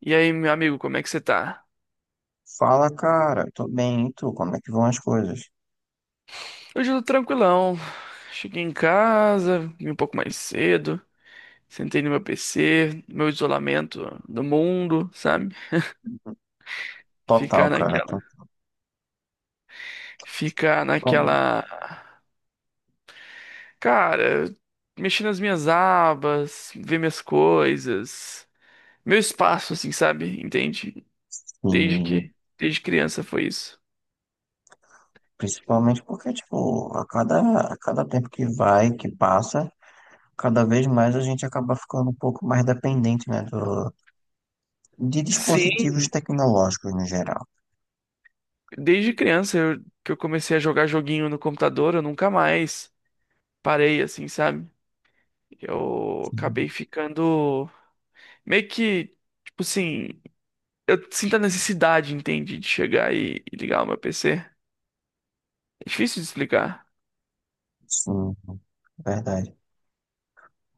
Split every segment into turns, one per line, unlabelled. E aí, meu amigo, como é que você tá?
Fala, cara. Tô bem, e tu? Como é que vão as coisas?
Hoje eu tô tranquilão. Cheguei em casa, vim um pouco mais cedo, sentei no meu PC, meu isolamento do mundo, sabe?
Total,
Ficar
cara.
naquela,
Tô
ficar
bom.
naquela, cara, mexer nas minhas abas, ver minhas coisas, meu espaço, assim, sabe? Entende? Desde
E
que, Desde criança foi isso.
principalmente porque, tipo, a cada tempo que vai, que passa, cada vez mais a gente acaba ficando um pouco mais dependente, né, de
Sim,
dispositivos tecnológicos no geral.
desde criança que eu comecei a jogar joguinho no computador, eu nunca mais parei, assim, sabe? Eu
Sim,
acabei ficando meio que, tipo assim, eu sinto a necessidade, entende, de chegar e ligar o meu PC. É difícil de explicar.
sim, verdade.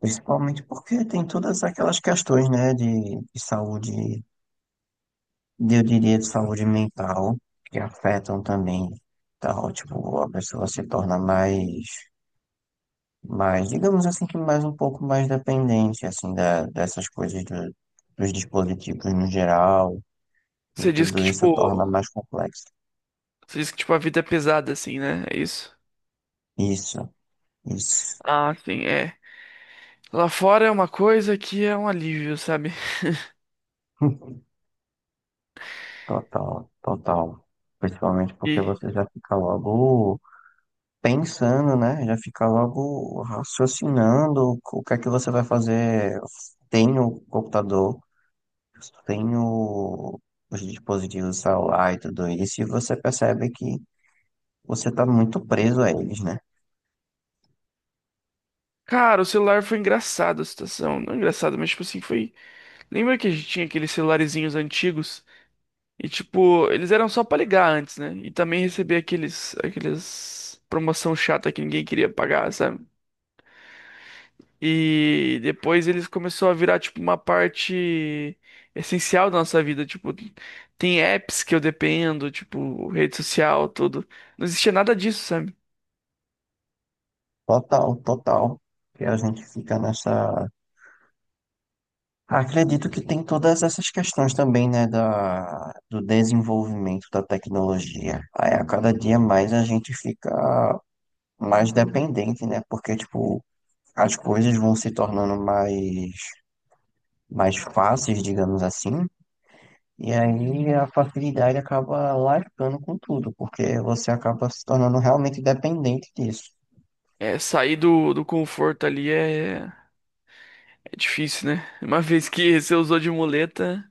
Principalmente porque tem todas aquelas questões, né, de saúde eu diria de saúde mental, que afetam também, tal, tipo, a pessoa se torna mais, mais, digamos assim, que mais um pouco mais dependente, assim, dessas coisas dos dispositivos no geral, e
Você diz que,
tudo isso torna
tipo,
mais complexo.
Você diz que, tipo, a vida é pesada, assim, né? É isso?
Isso, isso,
Ah, sim, é. Lá fora é uma coisa que é um alívio, sabe?
total, total. Principalmente porque
E,
você já fica logo pensando, né? Já fica logo raciocinando o que é que você vai fazer. Tem o computador. Tenho os dispositivos celular e tudo isso, e você percebe que você está muito preso a eles, né?
cara, o celular foi engraçado a situação. Não engraçado, mas, tipo assim, foi. Lembra que a gente tinha aqueles celularezinhos antigos? E tipo, eles eram só pra ligar antes, né? E também receber aqueles promoção chata que ninguém queria pagar, sabe? E depois eles começou a virar tipo uma parte essencial da nossa vida, tipo, tem apps que eu dependo, tipo, rede social, tudo. Não existia nada disso, sabe?
Total, total. Que a gente fica nessa. Acredito que tem todas essas questões também, né, do desenvolvimento da tecnologia. Aí a cada dia mais a gente fica mais dependente, né? Porque, tipo, as coisas vão se tornando mais fáceis, digamos assim. E aí a facilidade acaba largando com tudo, porque você acaba se tornando realmente dependente disso.
É, sair do conforto ali é difícil, né? Uma vez que você usou de muleta,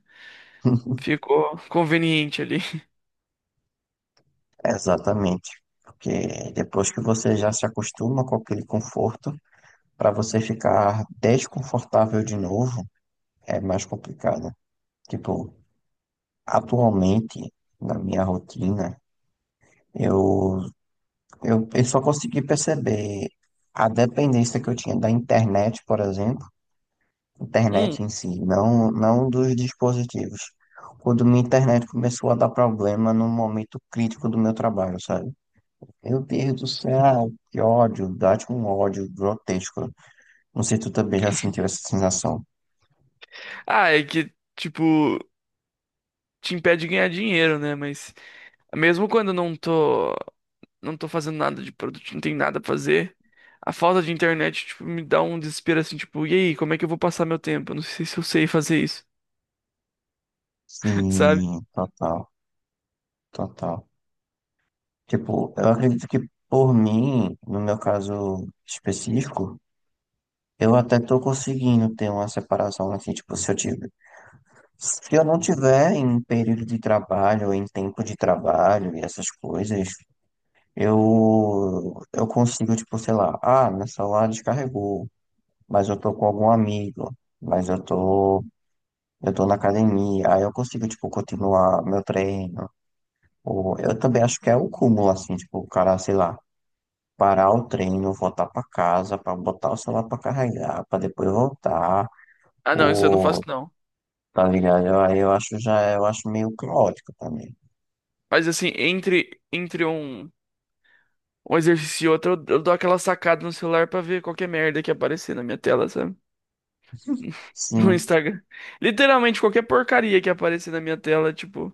ficou conveniente ali.
Exatamente. Porque depois que você já se acostuma com aquele conforto, para você ficar desconfortável de novo, é mais complicado. Tipo, atualmente, na minha rotina, eu, eu só consegui perceber a dependência que eu tinha da internet, por exemplo
Hum,
internet em si, não, não dos dispositivos. Quando minha internet começou a dar problema num momento crítico do meu trabalho, sabe? Meu Deus do céu, que ódio, dá-te um ódio grotesco. Não sei se tu também já sentiu essa sensação.
Ah, é que, tipo, te impede de ganhar dinheiro, né? Mas mesmo quando eu não tô fazendo nada de produto, não tem nada pra fazer, a falta de internet, tipo, me dá um desespero assim, tipo, e aí, como é que eu vou passar meu tempo? Eu não sei se eu sei fazer isso, sabe?
Sim, total, total. Tipo, eu acredito que por mim, no meu caso específico, eu até tô conseguindo ter uma separação, assim, tipo, se eu não tiver em período de trabalho, em tempo de trabalho e essas coisas, eu consigo, tipo, sei lá, ah, meu celular descarregou, mas eu tô com algum amigo, mas eu tô na academia, aí eu consigo, tipo, continuar meu treino. Ou eu também acho que é o cúmulo, assim, tipo, o cara, sei lá, parar o treino, voltar pra casa, pra botar o celular pra carregar, pra depois voltar,
Ah, não, isso eu não faço
ou
não.
tá ligado? Aí eu acho já, eu acho meio caótico também.
Mas assim, entre um exercício e outro, eu dou aquela sacada no celular pra ver qualquer merda que aparecer na minha tela, sabe? No
Sim.
Instagram. Literalmente qualquer porcaria que aparecer na minha tela, tipo,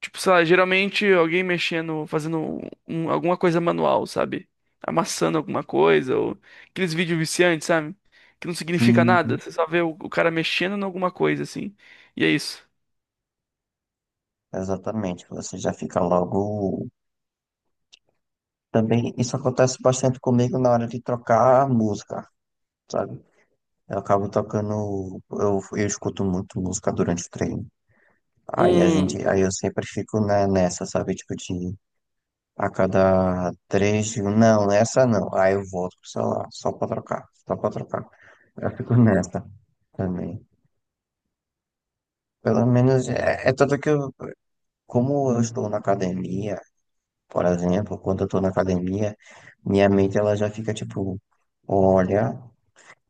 Tipo, sei lá, geralmente alguém mexendo, fazendo alguma coisa manual, sabe? Amassando alguma coisa, ou aqueles vídeos viciantes, sabe? Que não significa nada,
Sim,
você só vê o cara mexendo em alguma coisa, assim. E é isso.
exatamente. Você já fica logo. Também isso acontece bastante comigo na hora de trocar a música, sabe? Eu acabo tocando. Eu escuto muito música durante o treino.
Hum,
Aí eu sempre fico né, nessa, sabe? Tipo, de a cada três, digo, não, nessa não. Aí eu volto pro celular, só pra trocar, só pra trocar. Eu fico nessa também. Pelo menos é tanto que eu, como eu estou na academia. Por exemplo, quando eu tô na academia, minha mente ela já fica tipo, olha,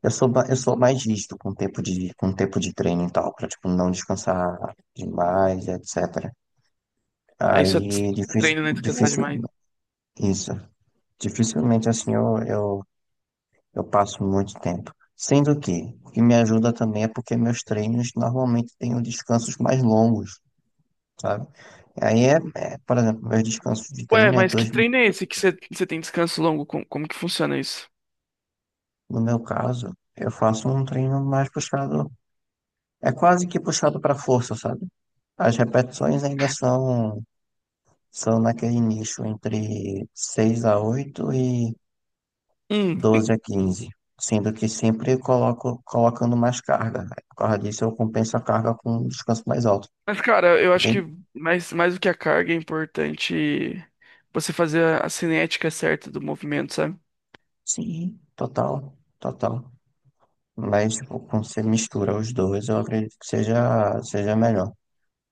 eu sou mais rígido com o tempo de treino e tal, pra tipo, não descansar demais, etc.
aí só
Aí, difícil,
treino, né? Descansar
difícil,
demais.
isso. Dificilmente assim eu passo muito tempo. Sendo que, o que me ajuda também é porque meus treinos normalmente têm descansos mais longos, sabe? Aí por exemplo, meus descansos de
Ué,
treino é
mas que
dois.
treino é esse que você tem descanso longo? Como que funciona isso?
No meu caso, eu faço um treino mais puxado, é quase que puxado para força, sabe? As repetições ainda são naquele nicho entre 6 a 8 e
Hum,
12 a 15, sendo que sempre coloco colocando mais carga. Por causa disso, eu compenso a carga com um descanso mais alto,
mas cara, eu acho que
entende?
mais do que a carga é importante você fazer a cinética certa do movimento, sabe?
Sim, total, total. Mas, tipo, quando você mistura os dois, eu acredito que seja melhor.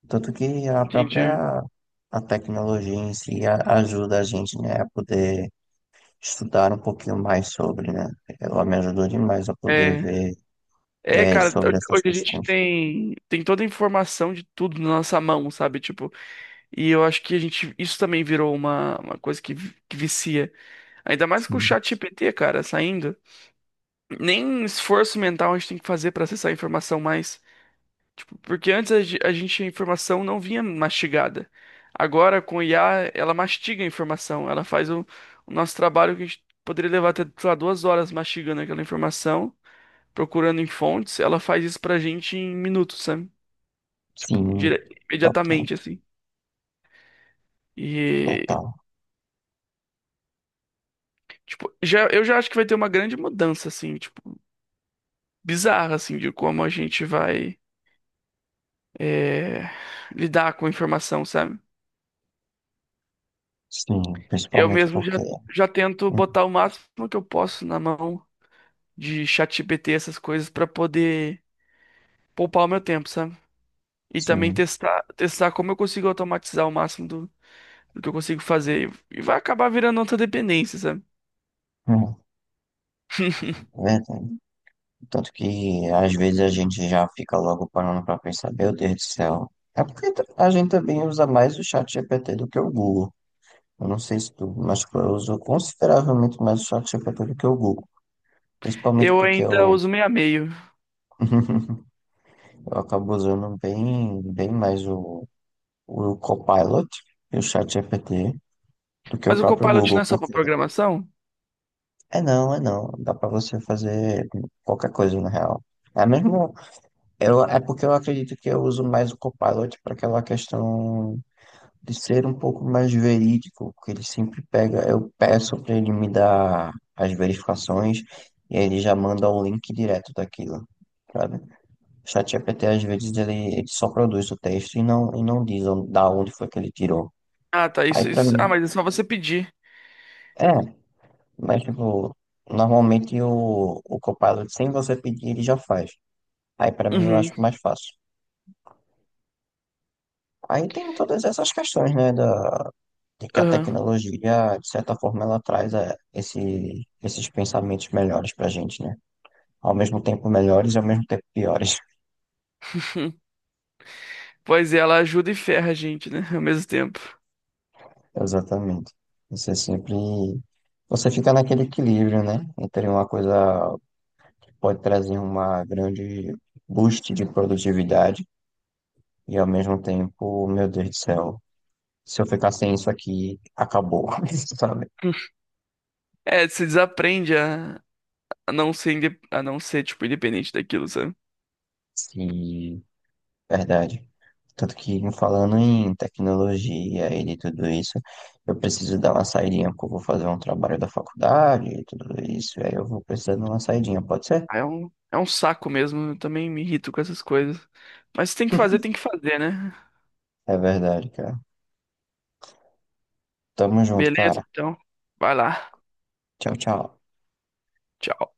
Tanto que
Entendi.
a tecnologia em si ajuda a gente, né, a poder estudar um pouquinho mais sobre, né? Ela me ajudou demais a poder
É. É,
ver
cara,
sobre essas
hoje a gente
questões.
tem toda a informação de tudo na nossa mão, sabe? Tipo, e eu acho que a gente, isso também virou uma coisa que, que vicia. Ainda mais com o
Sim,
chat GPT, cara, saindo. Nem esforço mental a gente tem que fazer pra acessar a informação mais. Tipo, porque antes a, ge- a gente, a informação não vinha mastigada. Agora, com o IA, ela mastiga a informação. Ela faz o nosso trabalho que a gente poderia levar até, sei lá, 2 horas mastigando aquela informação procurando em fontes, ela faz isso pra gente em minutos, sabe? Tipo,
sim, total,
imediatamente, assim. E,
total.
tipo, eu já acho que vai ter uma grande mudança, assim, tipo, bizarra, assim, de como a gente vai é, lidar com a informação, sabe?
Sim,
Eu
principalmente
mesmo
porque,
já tento
hum,
botar o máximo que eu posso na mão de ChatGPT, essas coisas, pra poder poupar o meu tempo, sabe? E também
sim,
testar como eu consigo automatizar o máximo do que eu consigo fazer. E vai acabar virando outra dependência, sabe?
hum, é verdade. Tanto que às vezes a gente já fica logo parando para pensar, meu Deus do céu. É porque a gente também usa mais o chat GPT do que o Google. Eu não sei se tu, mas tipo, eu uso consideravelmente mais o ChatGPT do que o Google. Principalmente
Eu
porque
ainda uso meio a meio.
eu acabo usando bem, bem mais o Copilot e o ChatGPT do que o
Mas o
próprio
Copilot
Google.
não é só pra
Porque
programação?
é não, é não. Dá pra você fazer qualquer coisa, na real. É mesmo. É porque eu acredito que eu uso mais o Copilot para aquela questão de ser um pouco mais verídico, porque ele sempre pega, eu peço para ele me dar as verificações e aí ele já manda o link direto daquilo, sabe? O ChatGPT às vezes ele só produz o texto e não diz da onde foi que ele tirou.
Ah, tá.
Aí
Isso,
para
isso. Ah,
mim,
mas é só você pedir.
é, mas tipo, normalmente o Copilot, sem você pedir, ele já faz. Aí para mim eu
Uhum.
acho mais fácil. Aí tem todas essas questões, né, de que a
Aham.
tecnologia, de certa forma, ela traz esses pensamentos melhores pra gente, né? Ao mesmo tempo melhores e ao mesmo tempo piores.
Pois é, ela ajuda e ferra a gente, né? Ao mesmo tempo.
Exatamente. Você sempre. Você fica naquele equilíbrio, né? Entre uma coisa que pode trazer uma grande boost de produtividade e ao mesmo tempo, meu Deus do céu, se eu ficar sem isso aqui, acabou, sabe?
É, você desaprende a não ser, tipo, independente daquilo, sabe?
Se Verdade. Tanto que falando em tecnologia e de tudo isso, eu preciso dar uma saidinha, porque eu vou fazer um trabalho da faculdade e tudo isso, e aí eu vou precisar de uma saidinha, pode ser?
Ah, É um saco mesmo. Eu também me irrito com essas coisas. Mas se tem que fazer, tem que fazer, né?
É verdade, cara. Tamo junto,
Beleza,
cara.
então. Vai lá.
Tchau, tchau.
Tchau.